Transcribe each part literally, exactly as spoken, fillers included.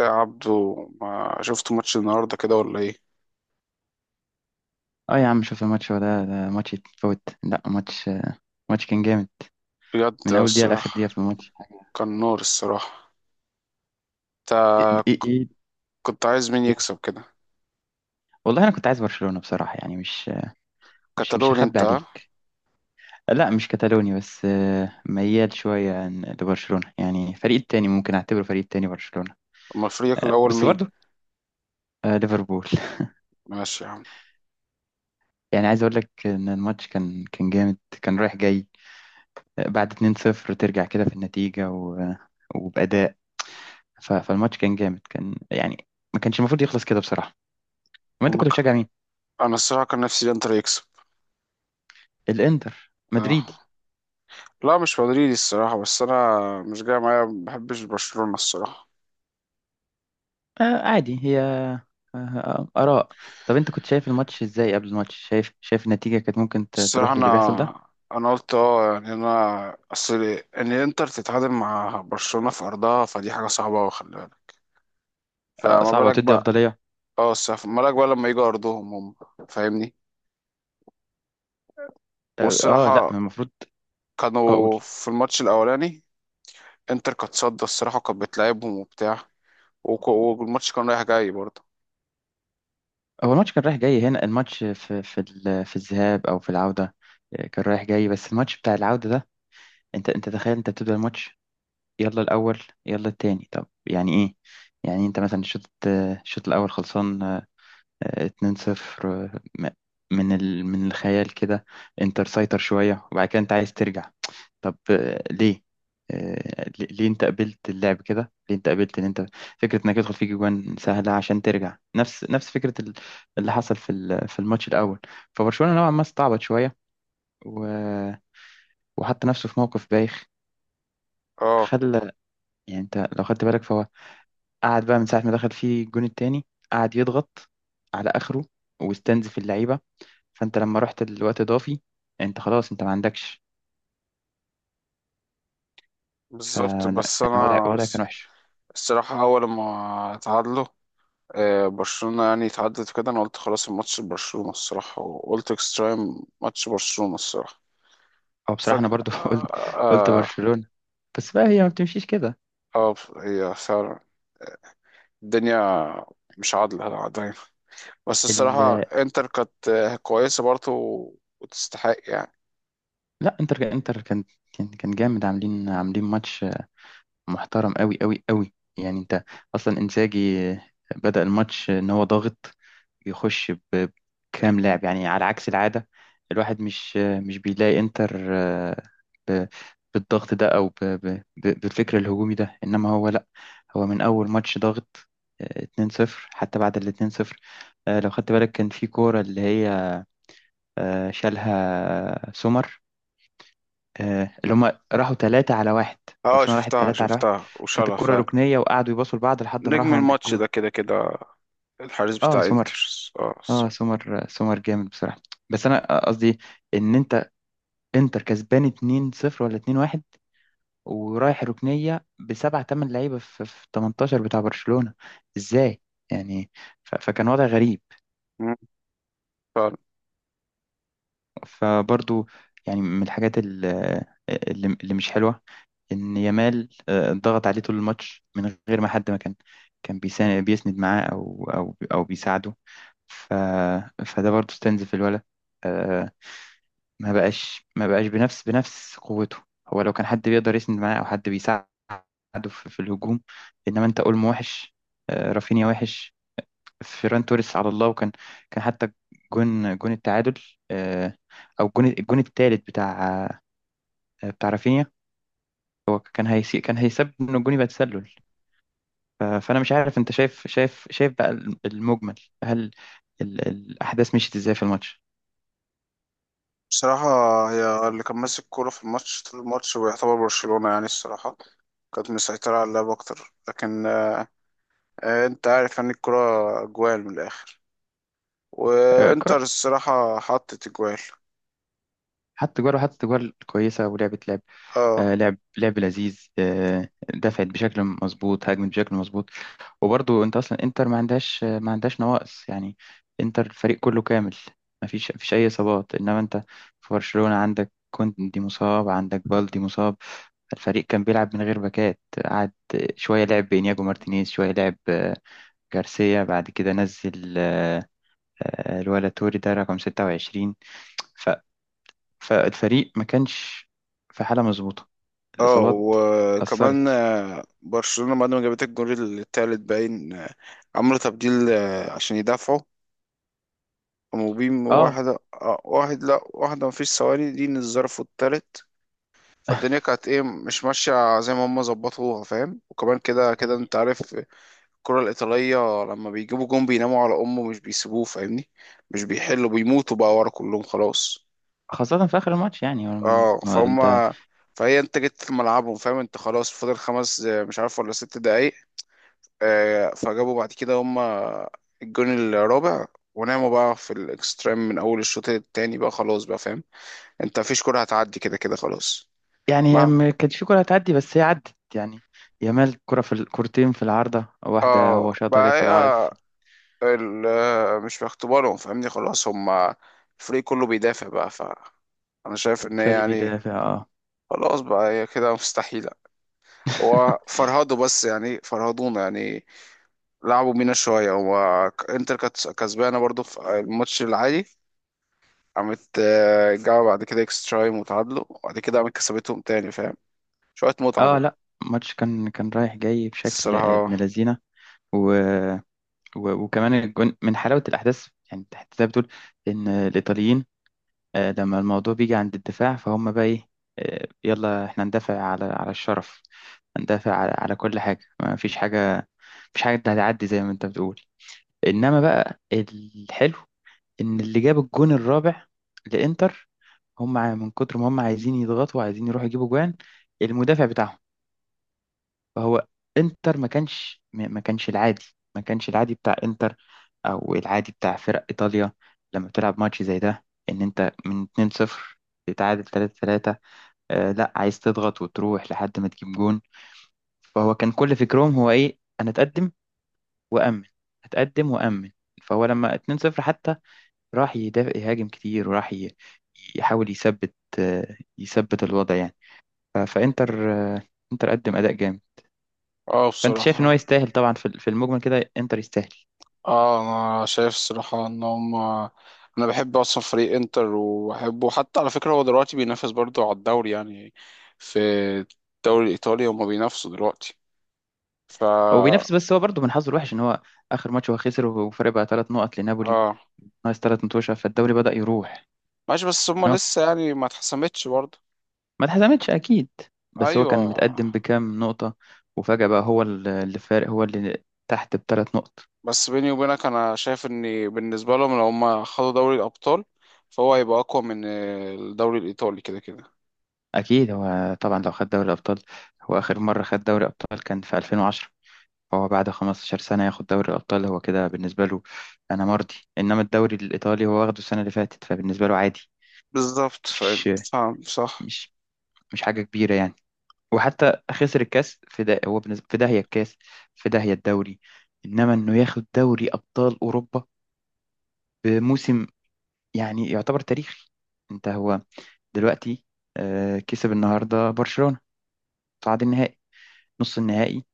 يا عبدو، ما شفت ماتش النهارده كده ولا ايه؟ اه يا عم، شوف الماتش. هو ده ده ماتش يتفوت؟ لا ماتش. ماتش كان جامد بجد من اول دقيقه لاخر دقيقه الصراحه، في الماتش حاجه. كان نار الصراحه. انت ايه ايه ك- إيه؟ كنت عايز مين قول. يكسب كده؟ والله انا كنت عايز برشلونه بصراحه. يعني مش مش مش كتالوني هخبي انت ها؟ عليك. لا، مش كتالوني بس آه، ميال شويه عن- لبرشلونه. يعني فريق التاني، ممكن اعتبره فريق التاني برشلونه. اما فريقك آه، الاول بس مين؟ برضه آه، ليفربول ماشي يا عم. يعني عايز اقول لك ان الماتش كان كان جامد، كان رايح جاي. آه، بعد اتنين صفر ترجع كده في النتيجه و- آه، وباداء. ف- فالماتش كان جامد كان يعني، ما كانش المفروض يخلص كده بصراحه. ما انت كنت امك. بتشجع مين؟ انا الصراحه كان نفسي الانتر يكسب. الانتر اه، مدريدي؟ لا مش مدريدي الصراحه، بس انا مش جاي معايا، ما بحبش برشلونه الصراحه. آه عادي، هي آه. آه، آراء. طب انت كنت شايف الماتش ازاي قبل الماتش؟ شايف شايف النتيجة كانت ممكن ت- الصراحه تروح للي بيحصل ده؟ انا انا قلت اه، يعني انا اصل ان الانتر تتعادل مع برشلونه في ارضها، فدي حاجه صعبه أوي، خلي بالك. آه فما صعبة بالك وتدي بقى. أفضلية. اه، استثمرك بقى لما يجوا ارضهم هم، فاهمني. اه آه، لا، والصراحه ما المفروض اقول. كانوا في الماتش الاولاني. انتر كانت صد الصراحه، كانت بتلعبهم وبتاع. وك- والماتش كان رايح جاي برضه. هو الماتش كان رايح جاي. هنا الماتش، في في ال- في الذهاب او في العودة؟ آه، كان رايح جاي. بس الماتش بتاع العودة ده، انت انت تخيل، انت بتبدأ الماتش يلا الاول يلا التاني، طب يعني ايه؟ يعني انت مثلا الشوط آه، الشوط الاول خلصان، آه، اتنين صفر. من ال... من الخيال كده. انت تسيطر شوية، وبعد كده انت عايز ترجع. طب آه، ليه؟ آه، ليه ليه انت قبلت اللعب كده؟ ليه انت قبلت ان انت فكرة انك يدخل فيك جوان سهلة عشان ترجع نفس نفس فكرة ال- اللي حصل في ال- في الماتش الاول؟ فبرشلونة نوعا ما استعبط شوية و... وحط نفسه في موقف بايخ. اه خلى. يعني انت لو خدت بالك، فهو قعد بقى من ساعة ما دخل فيه الجون التاني، قعد يضغط على اخره، واستنزف اللعيبة. فانت لما رحت الوقت اضافي، انت خلاص، انت ما عندكش. بالظبط، فلا بس يعني، وضع انا وضع الص- كان وحش. الصراحه اول ما اتعادلوا آه، برشلونه، يعني اتعدت كده، انا قلت خلاص الماتش برشلونه الصراحه، وقلت اكسترا تايم ماتش برشلونه الصراحه. او بصراحه انا فجاه برضو قلت قلت اه آه، برشلونه. بس بقى هي ما بتمشيش كده. آه، هي فعلا. الدنيا مش عادله دايما. بس ال... الصراحة انتر كانت آه، كويسة برضه و- وتستحق يعني. لا، انتر انتر كان كان كان جامد. عاملين عاملين ماتش محترم، قوي قوي قوي. يعني انت اصلا انزاجي بدأ الماتش ان هو ضاغط، يخش ب- بكام لاعب. يعني على عكس العادة، الواحد مش مش بيلاقي انتر آه، ب- بالضغط ده، او ب- ب- ب- بالفكر الهجومي ده. انما هو لا، هو من اول ماتش ضاغط. آه، اتنين صفر، حتى بعد ال اتنين صفر آه، لو خدت بالك، كان في كورة اللي هي آه، شالها سمر، آه، اللي هم راحوا ثلاثة على واحد. اه، برشلونة راحت شفتها ثلاثة على واحد، شفتها كانت وشالها الكرة فعلا. ركنية وقعدوا يباصوا لبعض لحد ما نجم راحوا عند الماتش الجون. ده كده كده الحارس اه بتاع انتر. سمر. اه اه، الصراحة. سمر سمر جامد بصراحة. بس انا آه، قصدي ان انت، انتر كسبان اتنين صفر ولا اتنين واحد، ورايح ركنية بسبعة تمن لعيبة في في تمنتاشر بتاع برشلونة. ازاي يعني؟ ف- فكان وضع غريب. مم، فعلا. فبرضو يعني من الحاجات ال- اللي اللي مش حلوة ان يامال آه، ضغط عليه طول الماتش، من غير ما حد ما كان كان بيسا- بيسند معاه او او او بيساعده. ف فده برضو استنزف الولد آه، ما بقاش ما بقاش بنفس بنفس قوته. هو لو كان حد بيقدر يسند معاه او حد بيساعده في, في الهجوم. انما انت اولمو وحش، آه، رافينيا وحش، فيران توريس على الله. وكان كان حتى جون جون التعادل، آه، او الجون الجون الثالث بتاع، آه، بتاع رافينيا، هو كان هيسي، كان هيسبب ان الجون يبقى تسلل. ف- فانا مش عارف انت شايف، شايف شايف بقى المجمل، هل ال- الاحداث مشيت ازاي في الماتش؟ بصراحة هي اللي كان ماسك الكورة في الماتش طول الماتش، ويعتبر برشلونة يعني الصراحة كانت مسيطرة على اللعب أكتر، لكن آه، آه، أنت عارف يعني الكرة أجوال من الآخر. آه، وإنتر كرة- الصراحة حطت أجوال. حط جوار، وحط جوار كويسة، ولعبة لعب آه، اه. لعب لعب لذيذ. آه، دفعت بشكل مظبوط، هاجمت بشكل مظبوط. وبرضو انت اصلا انتر ما عندهاش ما عندهاش نواقص يعني. انتر الفريق كله كامل. ما فيش ما فيش اي اصابات. انما انت في برشلونة، عندك كوندي مصاب، عندك بالدي مصاب، الفريق كان بيلعب من غير باكات. قعد شوية لعب بإنياجو مارتينيز، شوية لعب آه، جارسيا، بعد كده نزل آه، آه، الولا توري ده رقم ستة وعشرين. ف... فالفريق ما كانش في حالة مظبوطة، اه الإصابات وكمان أثرت. آه، برشلونة بعد ما جابت الجول التالت باين، آه، عملوا تبديل آه، عشان يدافعوا. قاموا بيم اه، واحدة، آه، واحد، لا واحدة، مفيش ثواني، دي الظرف التالت. فالدنيا كانت ايه، مش ماشية زي ما هم ظبطوها، فاهم؟ وكمان كده كده يعني انت عارف الكرة الإيطالية لما بيجيبوا جون بيناموا على أمه، مش بيسيبوه، فاهمني. مش بيحلوا، بيموتوا بقى ورا كلهم خلاص. خاصة في آخر الماتش، يعني ما اه ما فهم. أنت فهي انت جيت في ملعبهم، فاهم؟ انت خلاص فاضل خمس، آه، مش عارف، ولا ست دقايق. آه، فجابوا بعد كده هما الجون الرابع، وناموا بقى في الاكستريم من اول الشوط التاني بقى خلاص بقى، فاهم؟ انت مفيش كرة هتعدي، كده كده خلاص. يعني. هي ما. ما كانش في كرة هتعدي، بس هي عدت يعني. يامال كرة في الكورتين، في العارضة واحدة اه هو شاطها جت بقى في العارض. هي ال- آه، مش في اختبارهم، فاهمني، خلاص هما الفريق كله بيدافع بقى، ف انا شايف ان هي الفريق يعني بيدافع اه. خلاص بقى، هي كده مستحيلة. هو فرهدوا، بس يعني فرهدونا يعني، لعبوا بينا شوية. هو ك- انتر كانت كسبانة برضو في الماتش العادي، قامت آه، جابوا بعد كده اكسترا تايم وتعادلوا، وبعد كده قامت كسبتهم تاني، فاهم؟ شوية متعة اه بقى. لا، الماتش كان كان رايح جاي بشكل ابن الصراحة. لذينه. و... و... وكمان الجون من حلاوه الاحداث. يعني انت حتى زي ما بتقول ان الايطاليين، آه، لما الموضوع بيجي عند الدفاع، فهم بقى ايه، آه، يلا احنا ندافع على على الشرف، ندافع على, على كل حاجة. ما فيش حاجة، مفيش حاجة هتعدي زي ما انت بتقول. انما بقى الحلو ان اللي جاب الجون الرابع لإنتر، هم ع- من كتر ما هم عايزين يضغطوا، وعايزين يروحوا يجيبوا جوان، المدافع بتاعهم. فهو انتر، ما كانش ما ما كانش العادي، ما كانش العادي بتاع انتر، او العادي بتاع فرق ايطاليا، لما بتلعب ماتش زي ده. ان انت من اتنين صفر تتعادل ثلاثة ثلاثة، آه لا، عايز تضغط وتروح لحد ما تجيب جون. فهو كان كل فكرهم هو ايه؟ انا اتقدم وامن، اتقدم وامن. فهو لما اتنين صفر حتى، راح يدافع، يهاجم كتير، وراح ي- يحاول يثبت، آه يثبت الوضع يعني. ف- فانتر آه، انتر قدم اداء جامد. اه فانت شايف ان هو بصراحة. يستاهل طبعا في في المجمل كده، انتر يستاهل. اه انا شايف الصراحة ان هم، انا بحب اصلا فريق انتر وبحبه، حتى على فكرة هو دلوقتي بينافس برضه على الدوري يعني. في الدوري الايطالي هم بينافسوا دلوقتي، هو بينافس. فا. بس هو برضه من حظه الوحش ان هو اخر ماتش هو خسر، وفرق بقى ثلاث نقط لنابولي. اه ناقص ثلاث متوشه، فالدوري بدأ يروح. ماشي، بس هم يعني هو لسه يعني ما اتحسمتش برضه. ما اتحسمتش اكيد، بس هو ايوه. كان متقدم بكام نقطه، وفجأة بقى هو ال- اللي فارق، هو اللي تحت بثلاث نقط. بس بيني وبينك انا شايف ان بالنسبه لهم لو هم خدوا دوري الابطال، فهو هيبقى اقوى من الدوري الايطالي كده كده. اكيد هو طبعا لو خد دوري الابطال. هو اخر مره خد دوري الابطال كان في ألفين وعشرة. فهو بعد خمسة عشر سنه ياخد دوري الابطال، هو كده بالنسبه له انا مرضي. انما الدوري الايطالي هو واخده السنه اللي فاتت، فبالنسبه له عادي، بالظبط، فاهم مش فاهم صح. مش مش حاجه كبيره يعني. وحتى خسر الكاس، في ده هو بالنسبة في داهية الكاس، في داهية الدوري. انما انه ياخد دوري ابطال اوروبا بموسم، يعني يعتبر تاريخي. انت هو دلوقتي آه، كسب النهارده برشلونة، صعد النهائي، نص النهائي.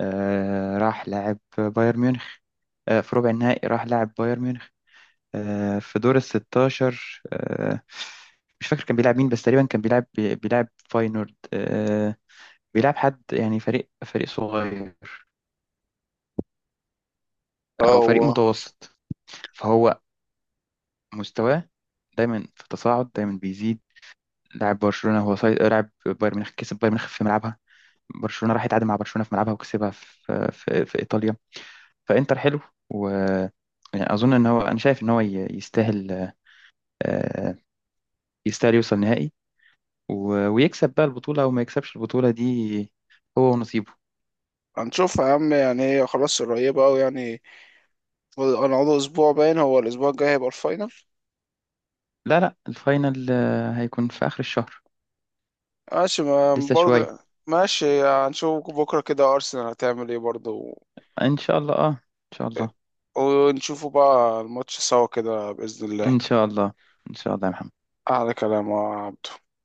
آه، راح لاعب بايرن ميونخ آه، في ربع النهائي، راح لاعب بايرن ميونخ آه، في دور ال ستاشر. آه، مش فاكر كان بيلعب مين، بس تقريبا كان بيلعب بيلعب فاينورد، آه، بيلعب حد يعني، فريق فريق صغير اه او فريق هو. متوسط. فهو مستواه دايما في تصاعد، دايما بيزيد. لاعب برشلونه، هو صيد لاعب بايرن ميونخ، كسب بايرن ميونخ في ملعبها، برشلونه راح يتعادل مع برشلونه في ملعبها وكسبها في في, في ايطاليا. فانتر حلو، و يعني اظن ان هو، انا شايف ان هو ي- يستاهل آه، يستاهل يوصل نهائي، و- ويكسب بقى البطوله، او ما يكسبش البطوله دي، هو ونصيبه. هنشوف يا عم، يعني هي خلاص قريبة أوي يعني. هنقعد أسبوع باين، هو الأسبوع الجاي هيبقى الفاينل. لا لا، الفاينل آه، هيكون في اخر الشهر، ماشي، ما لسه شويه. برضه. ماشي، هنشوف بكرة كده أرسنال هتعمل إيه برضه. ان شاء الله، اه ان شاء الله، ونشوفوا بقى الماتش سوا كده بإذن الله. ان شاء الله. ان شاء الله يا محمد. أحلى كلام يا عبد.